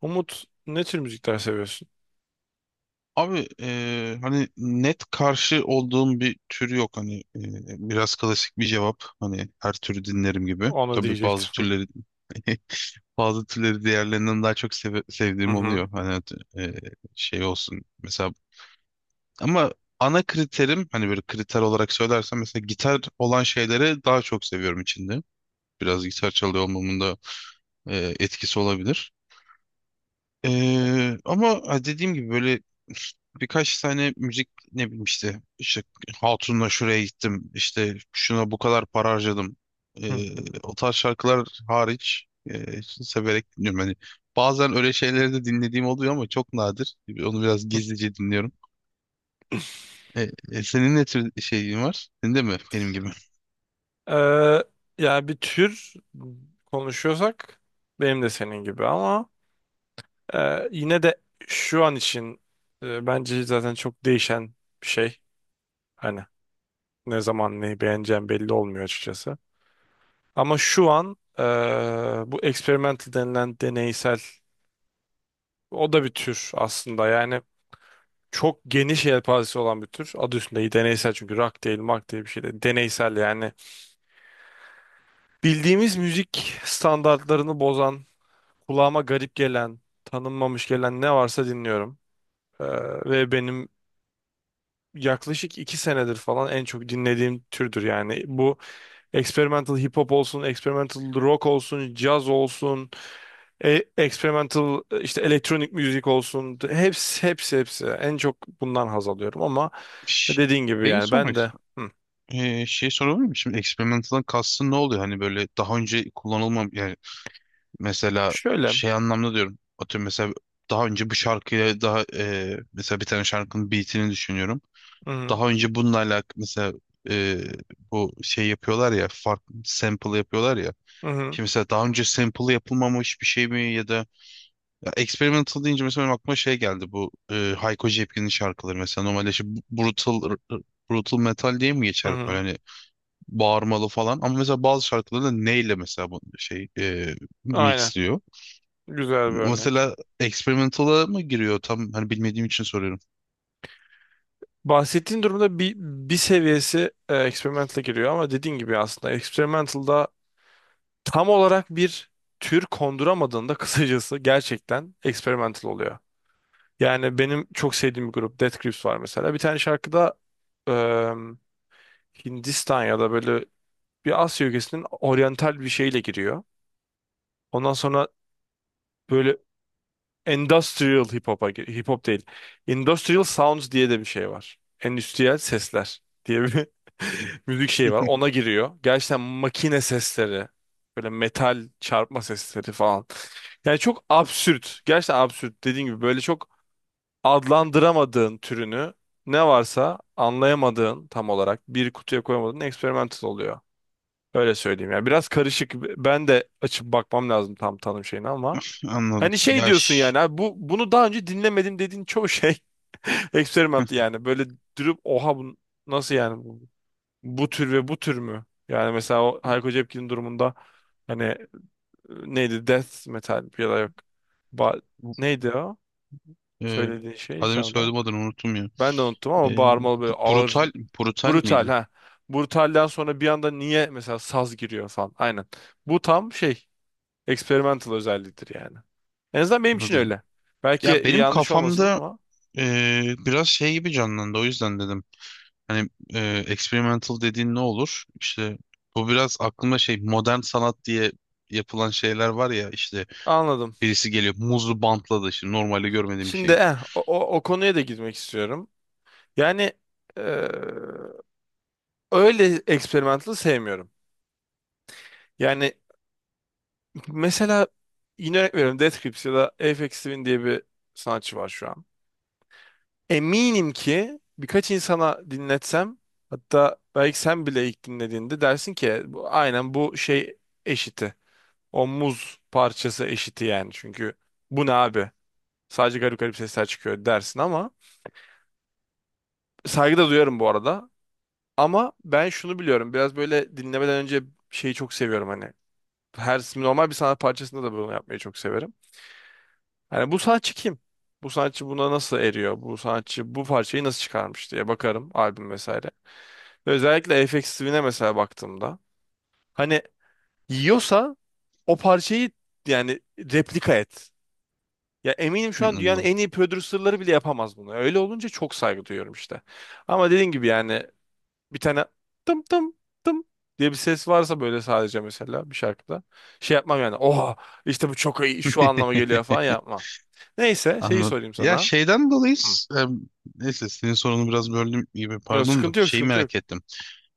Umut, ne tür müzikler seviyorsun? Abi, hani net karşı olduğum bir tür yok, hani biraz klasik bir cevap, hani her türü dinlerim gibi. Onu Tabii bazı diyecektim. türleri bazı türleri diğerlerinden daha çok Hı sevdiğim hı. oluyor. Hani eee, şey olsun mesela, ama ana kriterim, hani böyle kriter olarak söylersem, mesela gitar olan şeyleri daha çok seviyorum içinde. Biraz gitar çalıyor olmamın da etkisi olabilir. Ama dediğim gibi böyle birkaç tane müzik, ne bileyim işte Hatun'la şuraya gittim, işte şuna bu kadar para harcadım. Hı. O tarz şarkılar hariç severek dinliyorum. Hani bazen öyle şeyleri de dinlediğim oluyor ama çok nadir. Onu biraz gizlice dinliyorum. Senin ne tür şeyin var? Senin de mi benim gibi? Ee, Yani bir tür konuşuyorsak benim de senin gibi ama yine de şu an için bence zaten çok değişen bir şey. Hani ne zaman neyi beğeneceğim belli olmuyor açıkçası. Ama şu an bu experimental denilen deneysel o da bir tür aslında. Yani çok geniş yelpazesi olan bir tür. Adı üstünde deneysel, çünkü rock değil, mark değil, bir şey değil. Deneysel yani. Bildiğimiz müzik standartlarını bozan, kulağıma garip gelen, tanınmamış gelen ne varsa dinliyorum. Ee, ve benim yaklaşık iki senedir falan en çok dinlediğim türdür yani. Bu experimental hip hop olsun, experimental rock olsun, caz olsun, experimental işte elektronik müzik olsun. Hepsi. En çok bundan haz alıyorum ama Ş- dediğin gibi Şeyi yani ben sormak de. istiyorum. Hı. Şey sorabilir miyim? Şimdi experimental'dan kastın ne oluyor? Hani böyle daha önce kullanılmam. Mesela Şöyle. şey anlamda diyorum. Atıyorum mesela daha önce bu şarkıyla daha mesela bir tane şarkının beatini düşünüyorum. Hı hı, Daha önce bununla alakalı mesela e, bu şey yapıyorlar ya, farklı sample yapıyorlar ya. hı hı, Şimdi mesela daha önce sample yapılmamış bir şey mi, ya da ya experimental deyince mesela benim aklıma şey geldi, bu Hayko Cepkin'in şarkıları mesela, normalde işte brutal, brutal metal diye mi hı geçer böyle, hı. hani bağırmalı falan, ama mesela bazı şarkıları da neyle mesela bu şey Aynen. mixliyor. Güzel bir örnek. Mesela experimental'a mı giriyor? Tam hani bilmediğim için soruyorum. Bahsettiğin durumda bir seviyesi experimental'a giriyor ama dediğin gibi aslında experimental'da tam olarak bir tür konduramadığında kısacası gerçekten experimental oluyor. Yani benim çok sevdiğim bir grup Death Grips var mesela. Bir tane şarkıda e, Hindistan ya da böyle bir Asya ülkesinin oryantal bir şeyle giriyor. Ondan sonra böyle Industrial hip hop değil. Industrial sounds diye de bir şey var. Endüstriyel sesler diye bir müzik şeyi var. Ona giriyor. Gerçekten makine sesleri, böyle metal çarpma sesleri falan. Yani çok absürt. Gerçekten absürt. Dediğim gibi böyle çok adlandıramadığın türünü ne varsa, anlayamadığın, tam olarak bir kutuya koyamadığın experimental oluyor. Öyle söyleyeyim. Yani biraz karışık. Ben de açıp bakmam lazım tam tanım şeyini ama Anladım. hani şey Ya, diyorsun yani, abi bunu daha önce dinlemedim dediğin çoğu şey eksperiment yani. Böyle durup oha, bu nasıl yani, bu tür ve bu tür mü? Yani mesela o Hayko Cepkin'in durumunda hani neydi, death metal ya da yok, ba bu, neydi o e, söylediğin şey, adını genre? söyledim, adını unuttum ya. Ben de unuttum ama E, bağırmalı böyle, ağır, Brutal brutal brutal, miydi? ha. Brutalden sonra bir anda niye mesela saz giriyor falan, aynen. Bu tam şey, experimental özelliğidir yani. En azından benim için Anladım. öyle. Belki Ya benim yanlış olmasın kafamda ama biraz şey gibi canlandı, o yüzden dedim. Hani experimental dediğin ne olur? İşte bu biraz aklımda şey, modern sanat diye yapılan şeyler var ya işte. anladım. Birisi geliyor muzlu bantla da, şimdi normalde görmediğim bir Şimdi şey. O konuya da girmek istiyorum. Yani eee, öyle experimental'ı sevmiyorum. Yani mesela yine örnek veriyorum, Death Grips ya da Aphex Twin diye bir sanatçı var şu an. Eminim ki birkaç insana dinletsem, hatta belki sen bile ilk dinlediğinde dersin ki bu, aynen bu şey eşiti. O muz parçası eşiti yani. Çünkü bu ne abi? Sadece garip garip sesler çıkıyor dersin ama saygı da duyarım bu arada. Ama ben şunu biliyorum. Biraz böyle dinlemeden önce şeyi çok seviyorum hani. Her normal bir sanat parçasında da bunu yapmayı çok severim. Hani, bu sanatçı kim? Bu sanatçı buna nasıl eriyor? Bu sanatçı bu parçayı nasıl çıkarmış diye bakarım, albüm vesaire. Ve özellikle Aphex Twin'e mesela baktığımda, hani yiyorsa o parçayı, yani replika et. Ya eminim Hı, şu an dünyanın anladım. en iyi prodüserleri bile yapamaz bunu. Öyle olunca çok saygı duyuyorum işte. Ama dediğim gibi yani bir tane tım tım tım diye bir ses varsa böyle sadece mesela bir şarkıda şey yapmam yani. Oha, işte bu çok iyi, şu anlama geliyor falan yapma. Neyse, şeyi Anladım. sorayım Ya sana. şeyden dolayı Hı. Neyse, senin sorunu biraz böldüm gibi, Yok, pardon, da sıkıntı yok, şeyi merak ettim.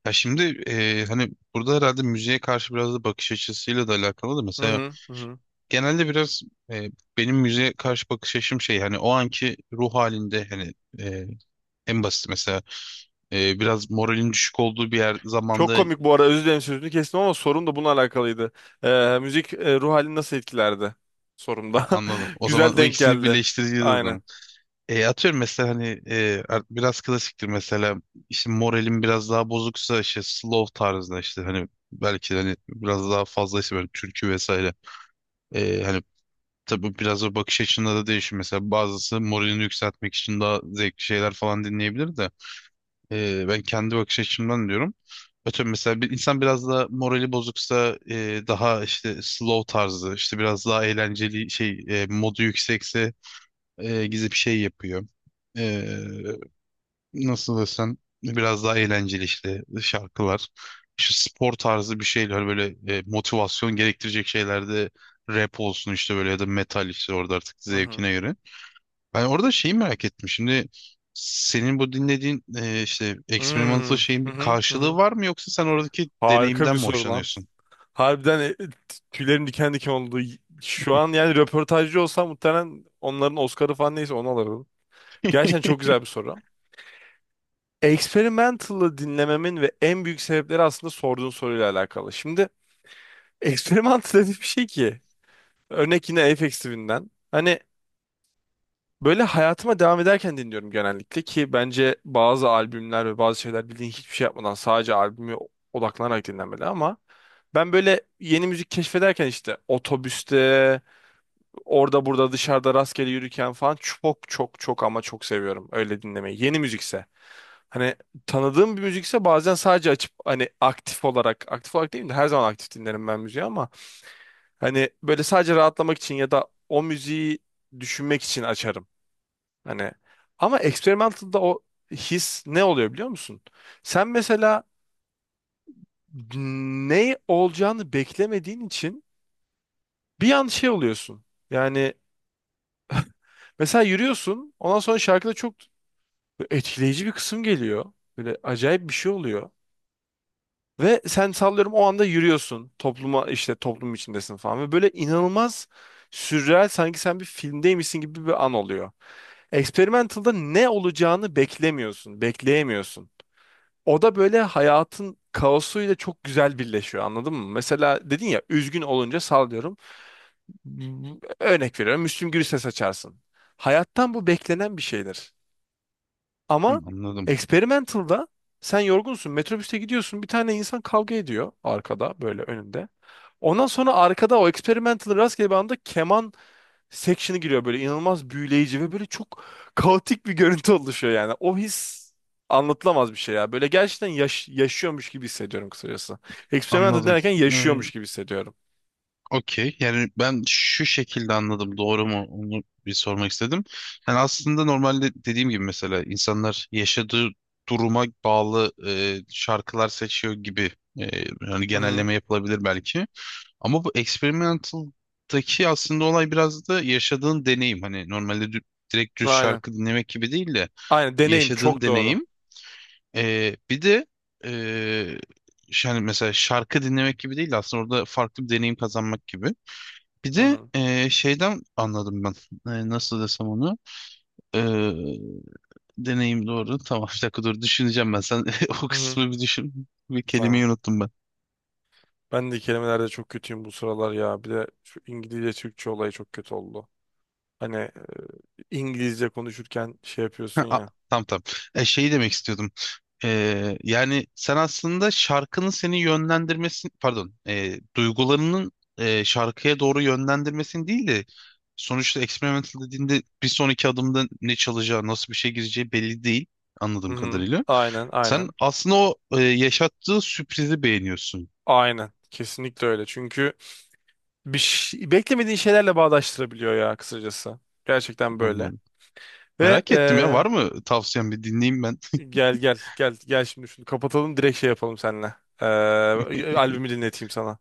Ya şimdi hani burada herhalde müziğe karşı biraz da bakış açısıyla da alakalı da, Hı mesela hı, genelde biraz, e, benim müziğe karşı bakış açım şey, hani o anki ruh halinde, hani e, en basit mesela, biraz moralin düşük olduğu bir yer Çok zamanda, komik bu arada, özür dilerim sözünü kestim ama sorum da bununla alakalıydı. Müzik ruh halini nasıl etkilerdi? ha, Sorumda. anladım. O Güzel zaman o denk ikisini geldi. birleştireceğiz o Aynen. zaman. Atıyorum mesela, hani biraz klasiktir mesela, işte moralim biraz daha bozuksa işte slow tarzında, işte hani belki de hani biraz daha fazla işte böyle türkü vesaire. Hani tabii biraz o bakış açında da değişir. Mesela bazısı moralini yükseltmek için daha zevkli şeyler falan dinleyebilir de. Ben kendi bakış açımdan diyorum. Atıyorum mesela bir insan biraz da morali bozuksa, daha işte slow tarzı, işte biraz daha eğlenceli şey, modu yüksekse gizli bir şey yapıyor. E, Nasıl desem, biraz daha eğlenceli işte şarkılar. İşte spor tarzı bir şeyler, böyle motivasyon gerektirecek şeylerde rap olsun, işte böyle, ya da metal, işte orada artık Hı hı. zevkine göre. Ben orada şeyi merak ettim. Şimdi senin bu dinlediğin işte Hmm, experimental şeyin Hı bir hı, hı karşılığı hı. var mı, yoksa sen oradaki Harika deneyimden bir mi soru lan. hoşlanıyorsun? Harbiden tüylerim diken diken oldu. Şu an yani röportajcı olsam muhtemelen onların Oscar'ı falan, neyse onu alırdım. Gerçekten çok güzel bir soru. Experimental'ı dinlememin ve en büyük sebepleri aslında sorduğun soruyla alakalı. Şimdi experimental dediğim bir şey ki, örnek yine Aphex Twin'den. Hani böyle hayatıma devam ederken dinliyorum genellikle, ki bence bazı albümler ve bazı şeyler, bildiğin hiçbir şey yapmadan sadece albümü odaklanarak dinlenmeli ama ben böyle yeni müzik keşfederken işte otobüste, orada burada dışarıda rastgele yürürken falan çok ama çok seviyorum öyle dinlemeyi. Yeni müzikse. Hani tanıdığım bir müzikse bazen sadece açıp hani aktif olarak, değil de her zaman aktif dinlerim ben müziği ama hani böyle sadece rahatlamak için ya da o müziği düşünmek için açarım. Hani ama experimental'da o his ne oluyor biliyor musun? Sen mesela ne olacağını beklemediğin için bir an şey oluyorsun. Yani mesela yürüyorsun, ondan sonra şarkıda çok etkileyici bir kısım geliyor. Böyle acayip bir şey oluyor. Ve sen, sallıyorum, o anda yürüyorsun. Topluma, işte toplum içindesin falan. Ve böyle inanılmaz sürreal, sanki sen bir filmdeymişsin gibi bir an oluyor. Experimental'da ne olacağını beklemiyorsun, bekleyemiyorsun. O da böyle hayatın kaosuyla çok güzel birleşiyor, anladın mı? Mesela dedin ya, üzgün olunca sallıyorum. Örnek veriyorum, Müslüm Gürses açarsın. Hayattan bu beklenen bir şeydir. Hı, Ama anladım. experimental'da sen yorgunsun. Metrobüste gidiyorsun. Bir tane insan kavga ediyor arkada, böyle önünde. Ondan sonra arkada o experimental rastgele bir anda keman section'ı giriyor, böyle inanılmaz büyüleyici ve böyle çok kaotik bir görüntü oluşuyor yani. O his anlatılamaz bir şey ya. Böyle gerçekten yaşıyormuş gibi hissediyorum kısacası. Experimental Anladım. derken Ee, yaşıyormuş gibi hissediyorum. Okey. Yani ben şu şekilde anladım. Doğru mu? Onu bir sormak istedim. Yani aslında normalde dediğim gibi mesela insanlar yaşadığı duruma bağlı şarkılar seçiyor gibi, e, yani Hı hı. genelleme yapılabilir belki. Ama bu experimental'daki aslında olay biraz da yaşadığın deneyim. Hani normalde direkt düz Aynen. şarkı dinlemek gibi değil de Aynen, deneyim yaşadığın çok doğru. deneyim. Bir de ee, hani mesela şarkı dinlemek gibi değil de aslında orada farklı bir deneyim kazanmak gibi. Bir Hı de hı. Şeyden anladım ben. Nasıl desem onu? Ee, Deneyim doğru. Tamam, bir dakika dur, düşüneceğim ben. Sen o Hı hı. kısmı bir düşün. Bir Tamam. kelimeyi unuttum ben. Ben de kelimelerde çok kötüyüm bu sıralar ya. Bir de şu İngilizce Türkçe olayı çok kötü oldu. Hani İngilizce konuşurken şey yapıyorsun Ha, ya. tamam tamam. Şeyi demek istiyordum. Yani sen aslında şarkının seni yönlendirmesini, pardon, duygularının şarkıya doğru yönlendirmesini değil de, sonuçta experimental dediğinde bir sonraki adımda ne çalacağı, nasıl bir şey gireceği belli değil Hı anladığım hı. kadarıyla. Aynen, Sen aynen. aslında o yaşattığı sürprizi beğeniyorsun. Aynen. Kesinlikle öyle. Çünkü beklemediğin şeylerle bağdaştırabiliyor ya kısacası. Gerçekten böyle. Anladım. Ve Merak ettim ya, var mı tavsiyen? Bir dinleyeyim ben. gel, şimdi şunu kapatalım, direkt şey yapalım seninle. E, albümü dinleteyim sana.